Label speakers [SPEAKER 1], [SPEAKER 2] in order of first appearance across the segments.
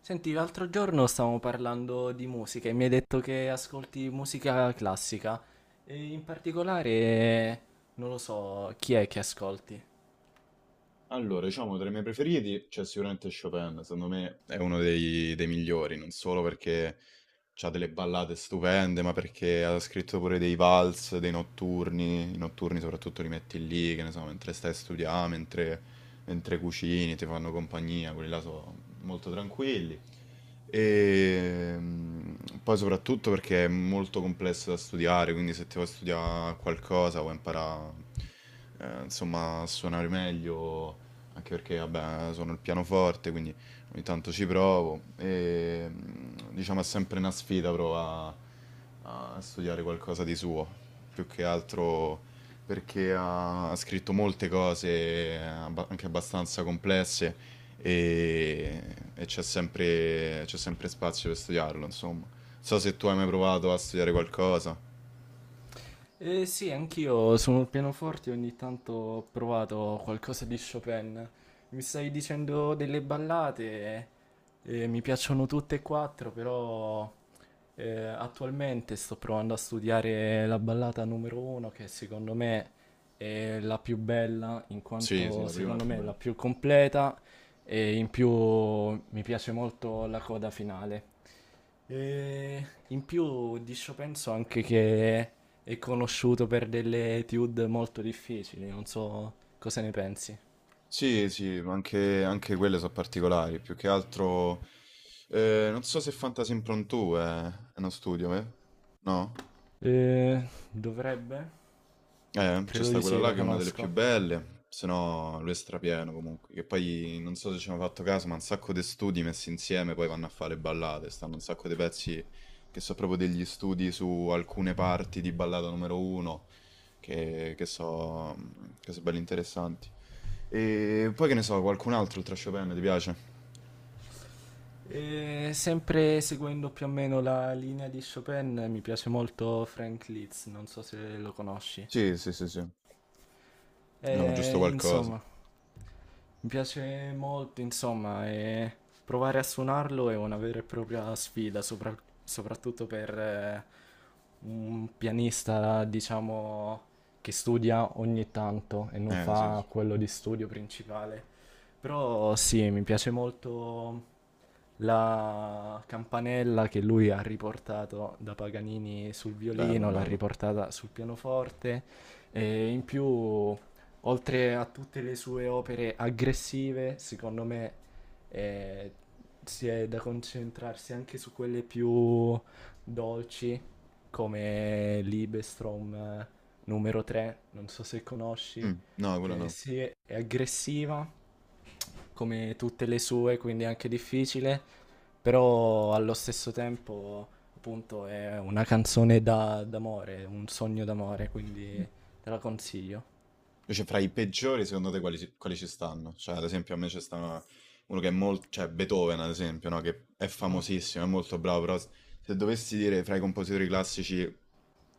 [SPEAKER 1] Senti, l'altro giorno stavamo parlando di musica e mi hai detto che ascolti musica classica. E in particolare, non lo so, chi è che ascolti?
[SPEAKER 2] Allora, diciamo tra i miei preferiti c'è sicuramente Chopin, secondo me è uno dei migliori, non solo perché c'ha delle ballate stupende, ma perché ha scritto pure dei vals, dei notturni, i notturni soprattutto li metti lì, che ne so, mentre stai a studiare, mentre cucini, ti fanno compagnia, quelli là sono molto tranquilli. E mm, Poi soprattutto perché è molto complesso da studiare, quindi se ti vuoi studiare qualcosa vuoi imparare, insomma, a suonare meglio, anche perché, vabbè, suono il pianoforte, quindi... Ogni tanto ci provo e diciamo è sempre una sfida provare a studiare qualcosa di suo, più che altro perché ha scritto molte cose anche abbastanza complesse e, c'è sempre spazio per studiarlo, insomma. Non so se tu hai mai provato a studiare qualcosa.
[SPEAKER 1] Sì, anch'io sul pianoforte ogni tanto ho provato qualcosa di Chopin. Mi stai dicendo delle ballate, mi piacciono tutte e quattro, però attualmente sto provando a studiare la ballata numero uno, che secondo me è la più bella, in
[SPEAKER 2] Sì, sì,
[SPEAKER 1] quanto
[SPEAKER 2] la prima è la
[SPEAKER 1] secondo
[SPEAKER 2] più
[SPEAKER 1] me è
[SPEAKER 2] bella.
[SPEAKER 1] la più completa e in più mi piace molto la coda finale. E in più di Chopin so anche che è conosciuto per delle etude molto difficili, non so cosa ne pensi.
[SPEAKER 2] Sì, sì, ma anche quelle sono particolari, più che altro... Eh, non so se Fantasy Impromptu è uno studio, eh? No?
[SPEAKER 1] Dovrebbe?
[SPEAKER 2] C'è
[SPEAKER 1] Credo
[SPEAKER 2] sta
[SPEAKER 1] di
[SPEAKER 2] quella
[SPEAKER 1] sì,
[SPEAKER 2] là
[SPEAKER 1] la
[SPEAKER 2] che è una delle più
[SPEAKER 1] conosco.
[SPEAKER 2] belle, se no lui è strapieno comunque, che poi non so se ci hanno fatto caso, ma un sacco di studi messi insieme poi vanno a fare ballate, stanno un sacco di pezzi che sono proprio degli studi su alcune parti di ballata numero uno, che, che so, che so belli interessanti. E poi che ne so, qualcun altro oltre a Chopin ti piace?
[SPEAKER 1] E sempre seguendo più o meno la linea di Chopin mi piace molto Frank Liszt, non so se lo conosci.
[SPEAKER 2] Sì, sì, sì, sì. No, giusto
[SPEAKER 1] E,
[SPEAKER 2] qualcosa.
[SPEAKER 1] insomma, mi piace molto, insomma, e provare a suonarlo è una vera e propria sfida, soprattutto per un pianista, diciamo, che studia ogni tanto e non
[SPEAKER 2] Sì,
[SPEAKER 1] fa
[SPEAKER 2] sì.
[SPEAKER 1] quello di studio principale. Però sì, mi piace molto la campanella che lui ha riportato da Paganini sul
[SPEAKER 2] Bello,
[SPEAKER 1] violino, l'ha
[SPEAKER 2] bello.
[SPEAKER 1] riportata sul pianoforte e in più, oltre a tutte le sue opere aggressive, secondo me eh, si è da concentrarsi anche su quelle più dolci, come Libestrom numero 3, non so se conosci,
[SPEAKER 2] No, quello
[SPEAKER 1] che
[SPEAKER 2] no.
[SPEAKER 1] sì, è aggressiva come tutte le sue, quindi è anche difficile, però allo stesso tempo appunto è una d'amore, un sogno d'amore, quindi te la consiglio.
[SPEAKER 2] Invece fra i peggiori, secondo te quali ci stanno? Cioè, ad esempio, a me c'è sta uno che è molto... cioè Beethoven, ad esempio, no? Che è
[SPEAKER 1] Mhm.
[SPEAKER 2] famosissimo, è molto bravo, però se dovessi dire fra i compositori classici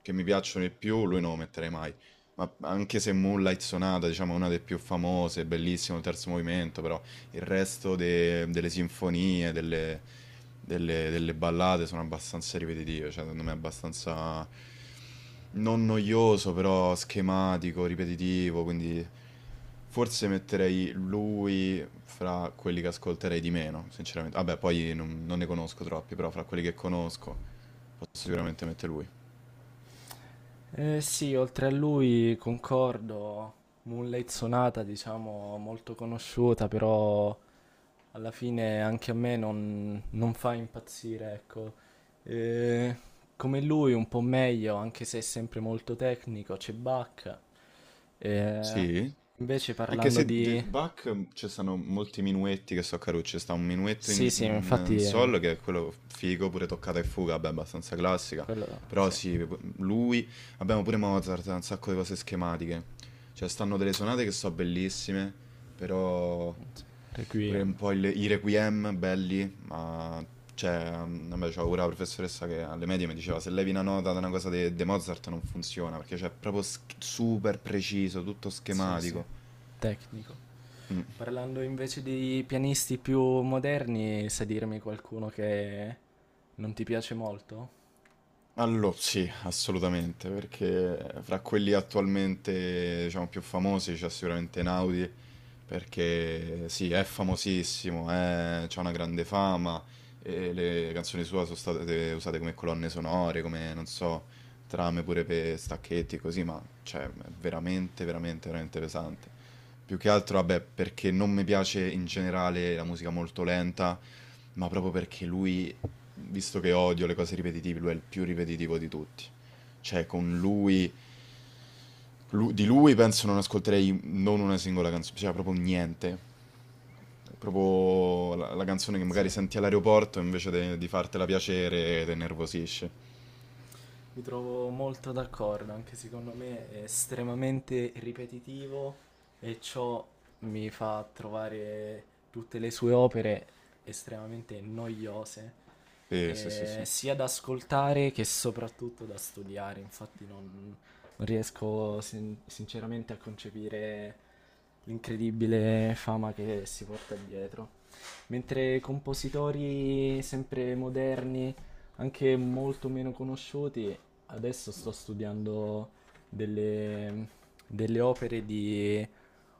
[SPEAKER 2] che mi piacciono di più, lui non lo metterei mai. Ma anche se Moonlight Sonata, diciamo, è una delle più famose, bellissimo, il terzo movimento, però il resto delle sinfonie, delle ballate sono abbastanza ripetitive, cioè secondo me è abbastanza non noioso, però schematico, ripetitivo, quindi forse metterei lui fra quelli che ascolterei di meno, sinceramente. Vabbè, poi non ne conosco troppi, però fra quelli che conosco posso sicuramente mettere lui.
[SPEAKER 1] Eh sì, oltre a lui concordo, Moonlight Sonata diciamo molto conosciuta, però alla fine anche a me non fa impazzire, ecco. Eh, come lui un po' meglio, anche se è sempre molto tecnico, c'è Bach. Eh,
[SPEAKER 2] Sì?
[SPEAKER 1] invece
[SPEAKER 2] Anche
[SPEAKER 1] parlando
[SPEAKER 2] se The
[SPEAKER 1] di...
[SPEAKER 2] Bach ci sono molti minuetti che so carucci, sta un minuetto
[SPEAKER 1] Sì, sì,
[SPEAKER 2] in
[SPEAKER 1] infatti
[SPEAKER 2] sol che è quello figo, pure toccata e fuga, vabbè, abbastanza classica,
[SPEAKER 1] quello...
[SPEAKER 2] però
[SPEAKER 1] Sì.
[SPEAKER 2] sì, abbiamo pure Mozart, ha un sacco di cose schematiche, cioè stanno delle sonate che so bellissime, però
[SPEAKER 1] Sì,
[SPEAKER 2] pure un
[SPEAKER 1] Requiem.
[SPEAKER 2] po' i requiem belli, ma cioè, vabbè, c'ho pure la professoressa che alle medie mi diceva se levi una nota da una cosa di Mozart non funziona, perché cioè, è proprio super preciso, tutto
[SPEAKER 1] Sì, sì,
[SPEAKER 2] schematico.
[SPEAKER 1] tecnico. Parlando invece di pianisti più moderni, sai dirmi qualcuno che non ti piace molto?
[SPEAKER 2] Allo sì, assolutamente, perché fra quelli attualmente, diciamo, più famosi c'è sicuramente Naudi, perché sì,
[SPEAKER 1] Sì.
[SPEAKER 2] è famosissimo, è, c'ha una grande fama, e le canzoni sue sono state usate come colonne sonore, come, non so, trame pure per stacchetti e così, ma cioè, è veramente pesante. Più che altro, vabbè, perché non mi piace in generale la musica molto lenta, ma proprio perché lui, visto che odio le cose ripetitive, lui è il più ripetitivo di tutti. Cioè, con lui, di lui penso non ascolterei non una singola canzone, cioè proprio niente. È proprio la canzone che
[SPEAKER 1] Sì.
[SPEAKER 2] magari senti all'aeroporto invece di fartela piacere, te nervosisce.
[SPEAKER 1] Mi trovo molto d'accordo, anche secondo me è estremamente ripetitivo e ciò mi fa trovare tutte le sue opere estremamente noiose,
[SPEAKER 2] Sì, sì, sì, sì.
[SPEAKER 1] sia da ascoltare che soprattutto da studiare. Infatti non riesco sinceramente a concepire l'incredibile fama che si porta dietro. Mentre compositori sempre moderni, anche molto meno conosciuti, adesso sto studiando delle, delle opere di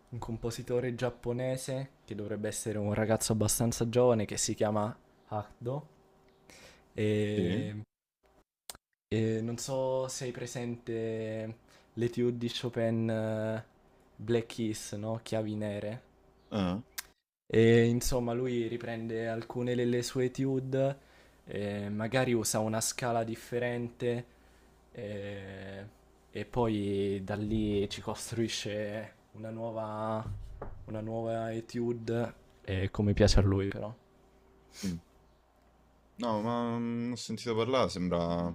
[SPEAKER 1] un compositore giapponese che dovrebbe essere un ragazzo abbastanza giovane che si chiama Hakdo. E
[SPEAKER 2] Sì?
[SPEAKER 1] e non so se hai presente l'Étude di Chopin, Black Keys, no? Chiavi nere.
[SPEAKER 2] Ah,
[SPEAKER 1] E insomma, lui riprende alcune delle sue étude, magari usa una scala differente, eh, e poi da lì ci costruisce una una nuova étude, come piace a lui però.
[SPEAKER 2] mm. No, ma ho sentito parlare, sembra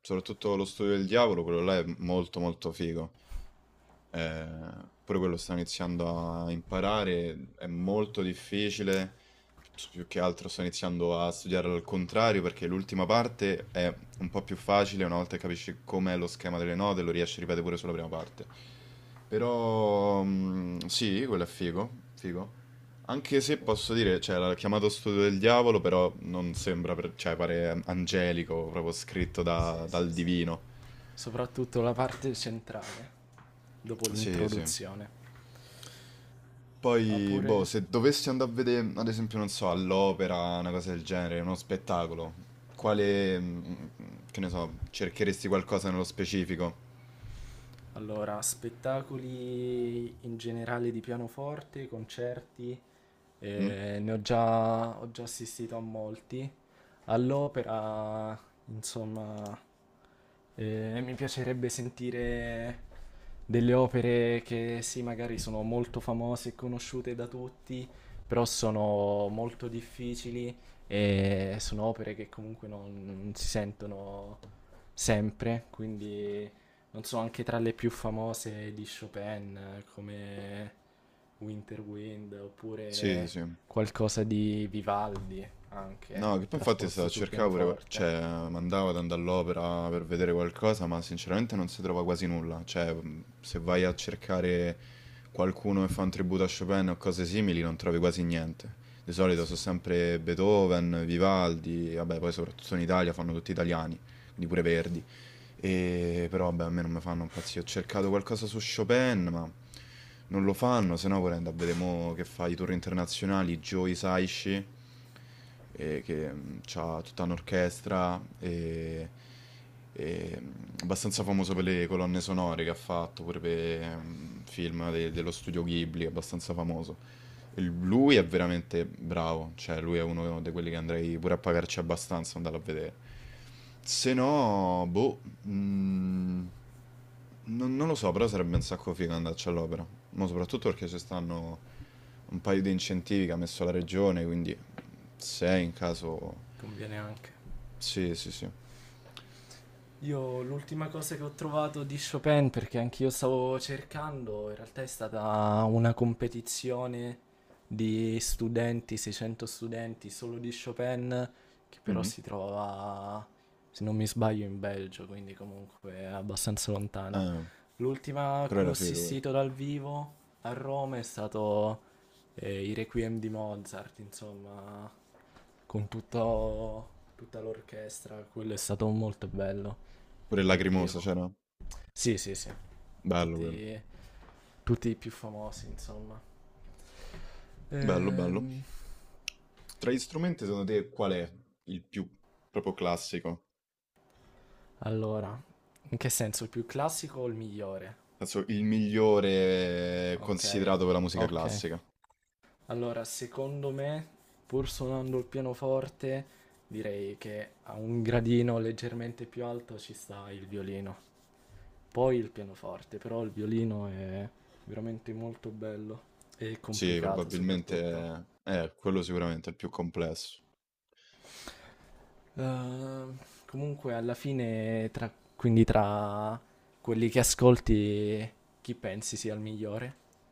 [SPEAKER 2] soprattutto lo studio del diavolo, quello là è molto molto figo. Pure quello sto iniziando a imparare, è molto difficile, s più che altro sto iniziando a studiarlo al contrario perché l'ultima parte è un po' più facile, una volta che capisci com'è lo schema delle note lo riesci a ripetere pure sulla prima parte. Però sì, quello è figo, figo. Anche se posso dire, cioè, l'ha chiamato Studio del Diavolo, però non sembra, cioè, pare angelico, proprio scritto
[SPEAKER 1] Sì, sì,
[SPEAKER 2] dal
[SPEAKER 1] sì.
[SPEAKER 2] divino.
[SPEAKER 1] Soprattutto la parte centrale, dopo
[SPEAKER 2] Sì, sì.
[SPEAKER 1] l'introduzione.
[SPEAKER 2] Poi, boh,
[SPEAKER 1] Oppure,
[SPEAKER 2] se dovessi andare a vedere, ad esempio, non so, all'opera, una cosa del genere, uno spettacolo, quale, che ne so, cercheresti qualcosa nello specifico?
[SPEAKER 1] allora, spettacoli in generale di pianoforte, concerti,
[SPEAKER 2] Mm?
[SPEAKER 1] Ne ho già assistito a molti. All'opera, insomma, mi piacerebbe sentire delle opere che sì, magari sono molto famose e conosciute da tutti, però sono molto difficili e sono opere che comunque non si sentono sempre, quindi non so, anche tra le più famose di Chopin, come Winter Wind,
[SPEAKER 2] Sì,
[SPEAKER 1] oppure
[SPEAKER 2] sì.
[SPEAKER 1] qualcosa di Vivaldi,
[SPEAKER 2] No,
[SPEAKER 1] anche,
[SPEAKER 2] che poi infatti stavo
[SPEAKER 1] trasposto
[SPEAKER 2] a
[SPEAKER 1] sul
[SPEAKER 2] cercare pure,
[SPEAKER 1] pianoforte.
[SPEAKER 2] cioè mandavo ad andare all'opera per vedere qualcosa, ma sinceramente non si trova quasi nulla. Cioè, se vai a cercare qualcuno che fa un tributo a Chopin o cose simili, non trovi quasi niente. Di solito
[SPEAKER 1] Sì,
[SPEAKER 2] sono sempre Beethoven, Vivaldi, vabbè, poi soprattutto in Italia fanno tutti italiani, quindi pure Verdi. Però vabbè, a me non mi fanno impazzire. Ho cercato qualcosa su Chopin, ma non lo fanno, se no vorrei andare a vedere mo che fa i tour internazionali, Joe Hisaishi, che ha tutta un'orchestra, e, abbastanza famoso per le colonne sonore che ha fatto, pure per film dello studio Ghibli, abbastanza famoso. E lui è veramente bravo, cioè lui è uno di quelli che andrei pure a pagarci abbastanza, andarlo a vedere. Se no, boh, mm, non lo so, però sarebbe un sacco figo andarci all'opera. Ma soprattutto perché ci stanno un paio di incentivi che ha messo la regione, quindi se in caso...
[SPEAKER 1] conviene anche.
[SPEAKER 2] Sì, sì, sì.
[SPEAKER 1] Io l'ultima cosa che ho trovato di Chopin, perché anch'io stavo cercando, in realtà è stata una competizione di studenti, 600 studenti solo di Chopin, che però
[SPEAKER 2] Mhm.
[SPEAKER 1] si trovava, se non mi sbaglio, in Belgio, quindi comunque abbastanza lontana.
[SPEAKER 2] Eh,
[SPEAKER 1] L'ultima a
[SPEAKER 2] però
[SPEAKER 1] cui
[SPEAKER 2] era
[SPEAKER 1] ho
[SPEAKER 2] figo quello.
[SPEAKER 1] assistito dal vivo a Roma è stato i Requiem di Mozart, insomma, con tutta l'orchestra, quello è stato molto bello
[SPEAKER 2] Pure il
[SPEAKER 1] dal
[SPEAKER 2] Lacrimosa
[SPEAKER 1] vivo.
[SPEAKER 2] c'era.
[SPEAKER 1] Sì, sì, sì,
[SPEAKER 2] Bello quello.
[SPEAKER 1] tutti, tutti i più famosi, insomma.
[SPEAKER 2] Bello, bello.
[SPEAKER 1] Ehm,
[SPEAKER 2] Tra gli strumenti, secondo te, qual è il più proprio classico?
[SPEAKER 1] allora, in che senso, il più classico o il migliore?
[SPEAKER 2] Penso il migliore
[SPEAKER 1] Ok,
[SPEAKER 2] considerato per la musica
[SPEAKER 1] ok.
[SPEAKER 2] classica.
[SPEAKER 1] Allora, secondo me, pur suonando il pianoforte, direi che a un gradino leggermente più alto ci sta il violino. Poi il pianoforte, però il violino è veramente molto bello e
[SPEAKER 2] Sì,
[SPEAKER 1] complicato soprattutto.
[SPEAKER 2] probabilmente quello sicuramente è il più complesso.
[SPEAKER 1] Ehm, comunque alla fine, quindi tra quelli che ascolti, chi pensi sia il migliore?